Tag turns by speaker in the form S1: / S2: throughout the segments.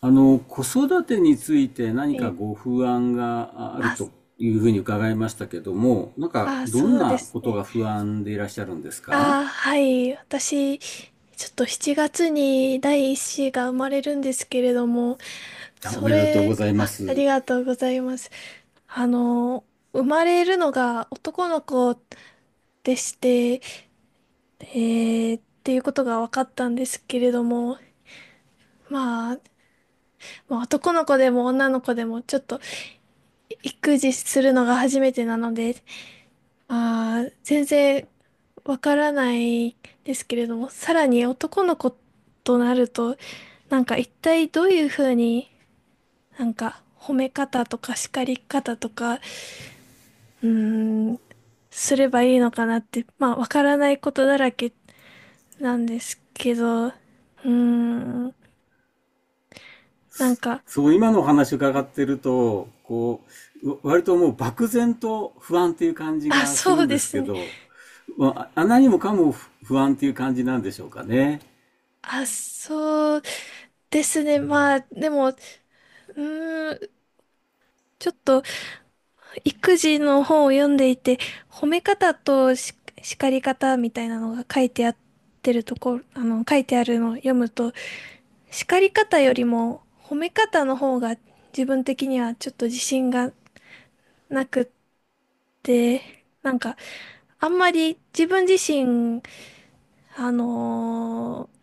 S1: 子育てについて何か
S2: え、
S1: ご不安がある
S2: あ、
S1: というふうに伺いましたけども、なんか
S2: あ、
S1: どん
S2: そうで
S1: な
S2: す
S1: こと
S2: ね。
S1: が不安でいらっしゃるんですか？
S2: あ、はい。私、ちょっと7月に第一子が生まれるんですけれども、
S1: お
S2: そ
S1: めでとうご
S2: れ、
S1: ざいま
S2: あ、あ
S1: す。
S2: りがとうございます。あの、生まれるのが男の子でして、っていうことが分かったんですけれども、まあ、まあ、男の子でも女の子でもちょっと育児するのが初めてなので、ああ、全然わからないですけれども、さらに男の子となると、一体どういうふうに褒め方とか叱り方とか、うーん、すればいいのかなって、まあわからないことだらけなんですけど、ーん、なんか、
S1: そう、今のお話伺ってると、割ともう漠然と不安っていう感じ
S2: あ、
S1: がす
S2: そ
S1: る
S2: う
S1: ん
S2: で
S1: です
S2: す
S1: け
S2: ね。
S1: ど、まあ何もかも不安っていう感じなんでしょうかね。
S2: あ、そうですね。まあ、でも、ーん、ちょっと育児の本を読んでいて、褒め方とし叱り方みたいなのが書いてあるところ、書いてあるのを読むと、叱り方よりも褒め方の方が自分的にはちょっと自信がなくって、あんまり自分自身、あのー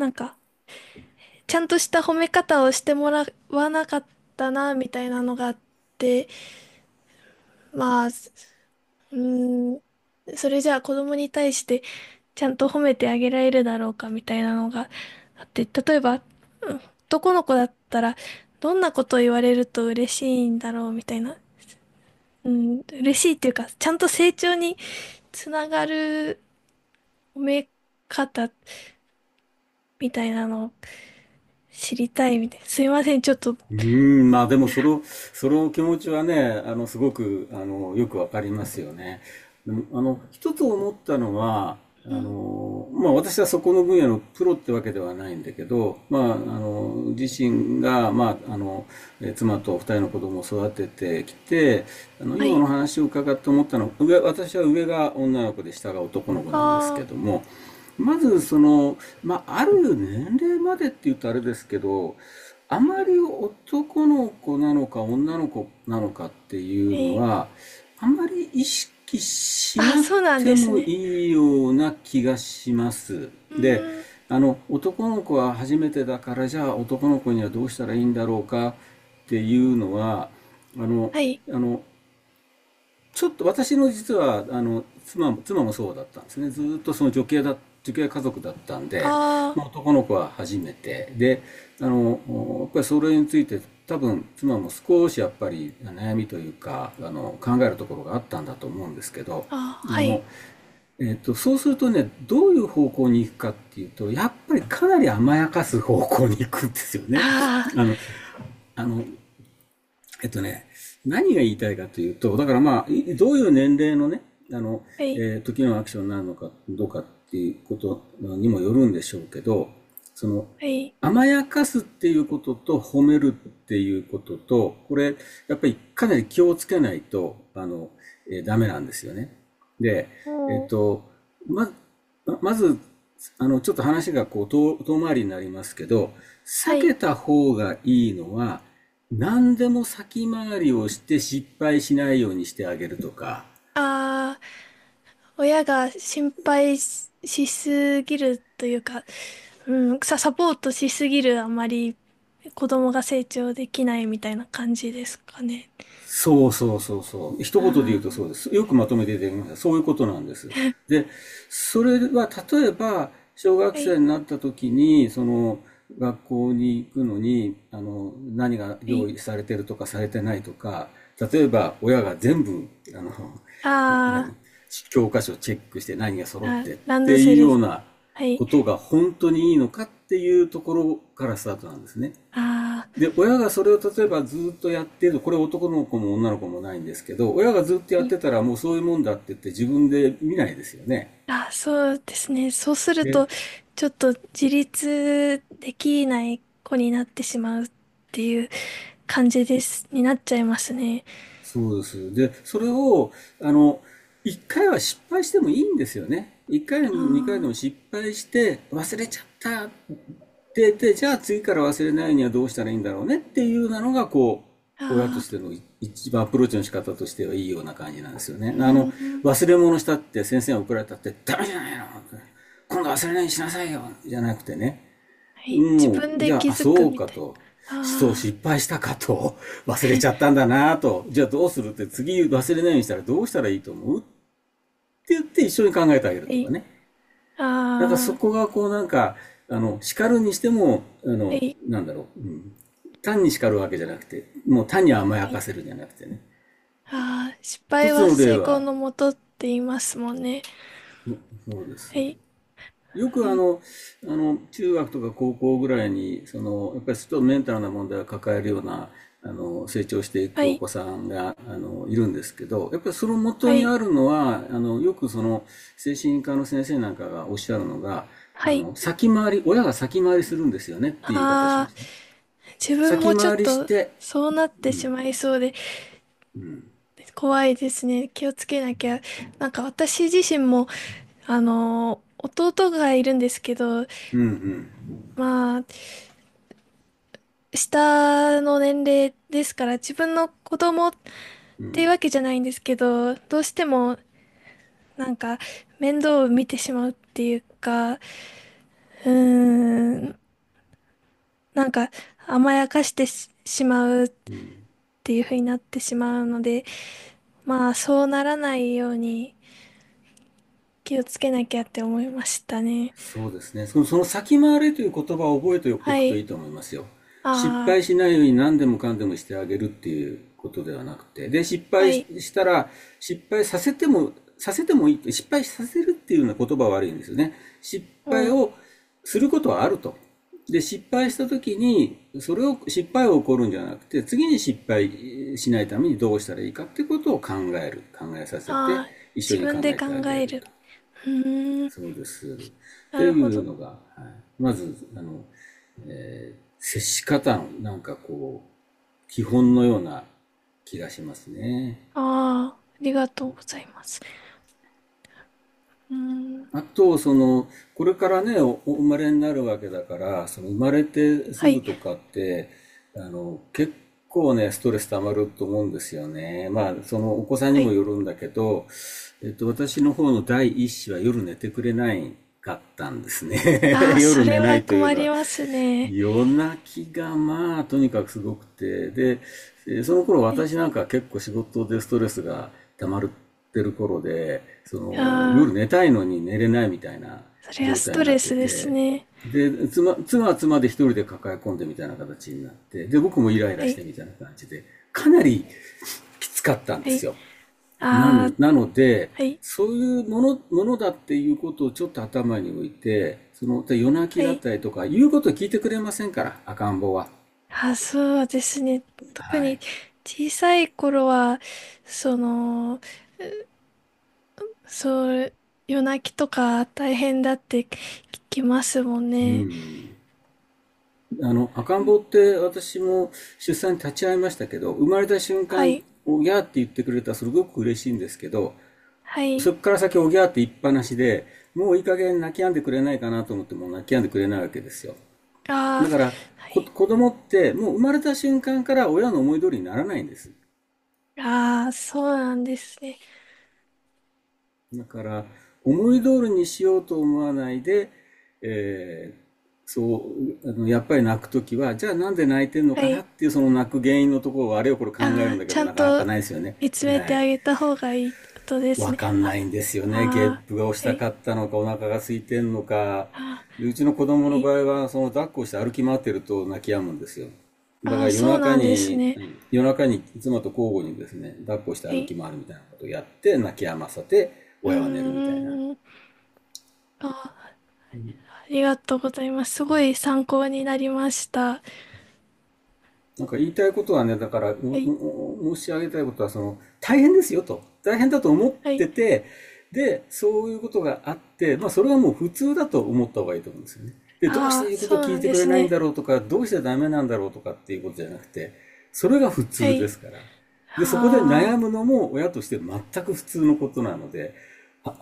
S2: なんか、ちゃんとした褒め方をしてもらわなかったな、みたいなのがあって、まあ、ーん、それじゃあ子供に対してちゃんと褒めてあげられるだろうかみたいなのがあって、例えば、うん男の子だったら、どんなことを言われると嬉しいんだろうみたいな。うん、嬉しいっていうか、ちゃんと成長につながる褒め方みたいなのを知りたいみたいな。すいません、ちょっと。
S1: うーん、まあでもその、その気持ちはね、すごく、よくわかりますよね。でも一つ思ったのは、
S2: うん、
S1: まあ私はそこの分野のプロってわけではないんだけど、まあ、自身が、まあ、妻と二人の子供を育ててきて、
S2: は
S1: 今の
S2: い。
S1: 話を伺って思ったのは、私は上が女の子で下が男の子
S2: あ
S1: なんです
S2: あ、
S1: け
S2: は
S1: ども、まずその、まあ、ある年齢までって言うとあれですけど、あま
S2: い。
S1: り男の子なのか女の子なのかってい
S2: え
S1: うの
S2: ー
S1: は、あまり意識し
S2: あ、
S1: な
S2: そ
S1: く
S2: うなんで
S1: て
S2: す
S1: も
S2: ね。
S1: いいような気がします。
S2: う
S1: で、
S2: ーん、
S1: 男の子は初めてだから、じゃあ男の子にはどうしたらいいんだろうかっていうのは、あの、
S2: はい。
S1: あの、ちょっと私の実はあの妻もそうだったんですね。ずーっと女系家族だったんで、
S2: あ
S1: まあ、男の子は初めて。で、あの、やっぱりそれについて多分妻も少しやっぱり悩みというか、考えるところがあったんだと思うんですけど、
S2: あ、あ
S1: あ
S2: は
S1: の、
S2: い。
S1: そうするとね、どういう方向に行くかっていうと、やっぱりかなり甘やかす方向に行くんですよね。
S2: あ
S1: あの、あの、えっとね、何が言いたいかというと、だからまあ、どういう年齢のね、あの、
S2: あ、はい、
S1: 時のアクションになるのかどうかっていうことにもよるんでしょうけど、その、
S2: はい。
S1: 甘やかすっていうことと褒めるっていうことと、これ、やっぱりかなり気をつけないと、ダメなんですよね。で、
S2: お
S1: えっ
S2: ー
S1: と、ま、まず、ちょっと話がこう、遠回りになりますけど、
S2: は
S1: 避
S2: い。
S1: けた方がいいのは、何でも先回りをして失敗しないようにしてあげるとか、
S2: ああ、親が心配し、しすぎるというか、サポートしすぎるあまり子供が成長できないみたいな感じですかね。
S1: そうそうそうそう。一言で言う
S2: あ
S1: と
S2: あ、
S1: そうです。よくまとめて出てきました。そういうことなんです。で、それは例えば、小学
S2: はい、
S1: 生になった時に、その、学校に行くのに、何が
S2: は
S1: 用
S2: い。
S1: 意されてるとかされてないとか、例えば親が全部、あの、な何、
S2: あ
S1: 教科書チェックして何が揃っ
S2: あ、
S1: てっ
S2: ランド
S1: て
S2: セ
S1: いう
S2: ル。
S1: ような
S2: はい。
S1: ことが本当にいいのかっていうところからスタートなんですね。
S2: ああ、
S1: で、親がそれを例えばずっとやってる、これ男の子も女の子もないんですけど、親がずっとやっ
S2: い
S1: てたらもうそういうもんだって言って自分で見ないですよね。
S2: あ、そうですね。そうすると、
S1: で、
S2: ちょっと自立できない子になってしまうっていう感じです、になっちゃいますね。
S1: そうです。で、それを、あの、一回は失敗してもいいんですよね。一回でも二回
S2: あ
S1: でも失敗して、忘れちゃった。で、じゃあ次から忘れないにはどうしたらいいんだろうねっていうなのが、こう、
S2: あ、
S1: 親と
S2: あ
S1: して
S2: あ、
S1: の一番アプローチの仕方としてはいいような感じなんですよ
S2: う
S1: ね。
S2: ーん。
S1: 忘れ物したって先生が怒られたって、ダメじゃないの今度忘れないようにしなさいよじゃなくてね。
S2: はい。自
S1: もう、
S2: 分
S1: じ
S2: で
S1: ゃ
S2: 気
S1: あ、あ、
S2: づく
S1: そう
S2: み
S1: か
S2: たい
S1: と。そう
S2: な。あ
S1: 失敗したかと。忘れちゃったんだなと。じゃあどうするって次忘れないようにしたらどうしたらいいと思うって言って一緒に考えてあげる
S2: あ、は
S1: とか
S2: い。
S1: ね。なんかそ
S2: あ
S1: こ
S2: あ、
S1: がこうなんか、あの、叱るにしても、
S2: はい。
S1: なんだろう。うん、単に叱るわけじゃなくて、もう単に甘
S2: は
S1: やか
S2: い。
S1: せるじゃなくてね。
S2: ああ、失
S1: 一
S2: 敗
S1: つ
S2: は
S1: の例
S2: 成功
S1: は、
S2: のもとって言いますもんね。
S1: そそうです。
S2: はい。
S1: よ
S2: う
S1: くあ
S2: ん。
S1: の、あの、中学とか高校ぐらいに、その、やっぱりちょっとメンタルな問題を抱えるような、成長してい
S2: は
S1: くお
S2: い。
S1: 子さんが、いるんですけど、やっぱりその
S2: は
S1: 元に
S2: い。
S1: あるのは、あの、よくその、精神科の先生なんかがおっしゃるのが、
S2: は
S1: あ
S2: い。
S1: の、先回り、親が先回りするんですよねっていう言い方しま
S2: ああ、
S1: すね。
S2: 自分も
S1: 先
S2: ちょっ
S1: 回りし
S2: と
S1: て、
S2: そうなってしまいそうで怖いですね。気をつけなきゃ。なんか私自身も、あのー弟がいるんですけど、
S1: う
S2: まあ、下の年齢ですから、自分の子供っていうわけじゃないんですけど、どうしてもなんか面倒を見てしまうっていうか、ーん、なんか甘やかしてし、しまうっていう風になってしまうので、まあそうならないように気をつけなきゃって思いましたね。
S1: そうですね。その、その先回れという言葉を覚えてお
S2: は
S1: くとい
S2: い。
S1: いと思いますよ。失
S2: あ
S1: 敗
S2: あ、
S1: しないように何でもかんでもしてあげるっていうことではなくて。で、失
S2: は
S1: 敗
S2: い。
S1: したら、失敗させても、させてもいい。失敗させるっていうような言葉は悪いんですよね。失敗
S2: おう。
S1: をすることはあると。で、失敗した時に、それを、失敗を起こるんじゃなくて、次に失敗しないためにどうしたらいいかっていうことを考える。考えさせて、
S2: ああ、
S1: 一緒
S2: 自
S1: に考
S2: 分で
S1: え
S2: 考
S1: てあげ
S2: え
S1: る
S2: る。
S1: と。
S2: うーん、
S1: そうです。っ
S2: な
S1: て
S2: るほ
S1: いう
S2: ど。
S1: のが、はい、まず、接し方のなんかこう、基本のような気がしますね。
S2: ああ、ありがとうございます。うーん、
S1: あと、その、これからね、お生まれになるわけだから、その生まれてす
S2: は
S1: ぐ
S2: い、
S1: とかって、結構ね、ストレス溜まると思うんですよね。まあ、そのお子さん
S2: は
S1: にも
S2: い。
S1: よるんだけど、えっと、私の方の第一子は夜寝てくれなかったんです
S2: あ
S1: ね。
S2: あ、そ
S1: 夜
S2: れ
S1: 寝な
S2: は
S1: いという
S2: 困
S1: の
S2: り
S1: は、
S2: ますね。
S1: 夜泣きがまあとにかくすごくて、で、その頃
S2: はい。
S1: 私なんか結構仕事でストレスが溜まってる頃で、その
S2: ああ、
S1: 夜寝たいのに寝れないみたいな
S2: それは
S1: 状
S2: ス
S1: 態
S2: ト
S1: になっ
S2: レ
S1: て
S2: スです
S1: て、
S2: ね。
S1: で、妻は妻で一人で抱え込んでみたいな形になって、で、僕もイライ
S2: は
S1: ラし
S2: い、
S1: てみたいな感じで、かなり きつかったん
S2: は
S1: です
S2: い。
S1: よ。な
S2: あ
S1: ん
S2: あ、
S1: なので、
S2: はい、
S1: そういうもの、ものだっていうことをちょっと頭に置いて、その、で夜泣
S2: は
S1: きだっ
S2: い。
S1: たりとか、言うことを聞いてくれませんから、赤ん坊は。
S2: ああ、そうですね。特
S1: はい。
S2: に小さい頃は、その、うそう、夜泣きとか大変だって聞きますもん
S1: う
S2: ね。
S1: ん。赤
S2: う
S1: ん
S2: ん
S1: 坊って私も出産に立ち会いましたけど、生まれた瞬
S2: は
S1: 間、
S2: い、
S1: おぎゃーって言ってくれたらすごく嬉しいんですけど、
S2: は
S1: そ
S2: い。
S1: こから先おぎゃーって言いっぱなしで、もういい加減泣き止んでくれないかなと思っても泣き止んでくれないわけですよ。
S2: ああ、
S1: だから、
S2: はい。
S1: 子供ってもう生まれた瞬間から親の思い通りにならないんです。
S2: ああ、そうなんですね。
S1: だから思い通りにしようと思わないで、えーそあのやっぱり泣くときはじゃあなんで泣いてんの
S2: は
S1: かなっ
S2: い。
S1: ていうその泣く原因のところをあれをこれ考える
S2: あ
S1: ん
S2: あ、
S1: だ
S2: ち
S1: け
S2: ゃ
S1: ど
S2: ん
S1: なかな
S2: と
S1: かないですよね。
S2: 見つ
S1: は
S2: めて
S1: い、
S2: あげた方がいいってことです
S1: わ
S2: ね。
S1: かんないんですよね。ゲッ
S2: ああ、
S1: プが押し
S2: は
S1: た
S2: い、
S1: かったのかお腹が空いてんのか、
S2: ああ、
S1: でうちの子供の
S2: は
S1: 場
S2: い。
S1: 合はその抱っこして歩き回ってると泣き止むんですよ。だか
S2: あ
S1: ら
S2: あ、
S1: 夜
S2: そうな
S1: 中
S2: んです
S1: に、
S2: ね。
S1: うん、夜中に妻と交互にですね、抱っこして
S2: は
S1: 歩
S2: い。
S1: き回るみたいなことをやって、泣き止ませて、
S2: う
S1: 親は寝るみたいな。
S2: ーん。ああ、ありがとうございます。すごい参考になりました。
S1: なんか言いたいことはね、だから、う
S2: はい、
S1: うう申し上げたいことは、その、大変ですよと。大変だと思っ
S2: はい。
S1: てて、で、そういうことがあって、まあ、それはもう普通だと思った方がいいと思うんですよね。で、どうし
S2: あ
S1: て
S2: あ、
S1: 言うこと
S2: そ
S1: を
S2: う
S1: 聞
S2: な
S1: い
S2: ん
S1: て
S2: で
S1: くれ
S2: す
S1: ないん
S2: ね。
S1: だろうとか、どうしてダメなんだろうとかっていうことじゃなくて、それが普
S2: は
S1: 通で
S2: い。
S1: すから。で、そこで悩
S2: あ
S1: むのも親として全く普通のことなので、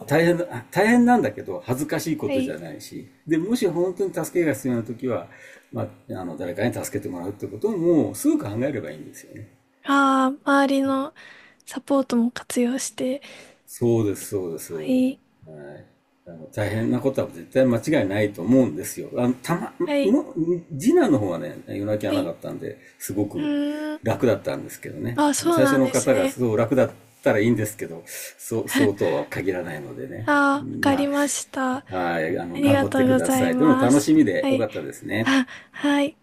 S1: 大変大変なんだけど、恥ずかしいこ
S2: あ、は
S1: とじ
S2: い。
S1: ゃないし、で、もし本当に助けが必要なときは、まあ、あの誰かに助けてもらうってことももうすぐ考えればいいんですよね。
S2: ああ、周りのサポートも活用して。
S1: そうです、そうです。
S2: は
S1: はい。
S2: い、
S1: あの大変なことは絶対間違いないと思うんですよ。あの、たま、
S2: はい、
S1: も、次男の方はね、夜泣きは
S2: は
S1: なか
S2: い。
S1: ったんで、すご
S2: う
S1: く
S2: ーん。
S1: 楽だったんですけどね。
S2: ああ、
S1: あの、
S2: そう
S1: 最
S2: な
S1: 初
S2: ん
S1: の
S2: です
S1: 方が
S2: ね。
S1: すごく楽だったらいいんですけど、そうとは限らないので
S2: ああ、
S1: ね。
S2: わかり
S1: ま
S2: ました。あ
S1: あ、はい、あの、
S2: り
S1: 頑
S2: が
S1: 張っ
S2: と
S1: て
S2: う
S1: く
S2: ご
S1: だ
S2: ざい
S1: さい。でも
S2: ま
S1: 楽
S2: す。
S1: しみで
S2: は
S1: よ
S2: い。
S1: かったですね。
S2: あ、はい。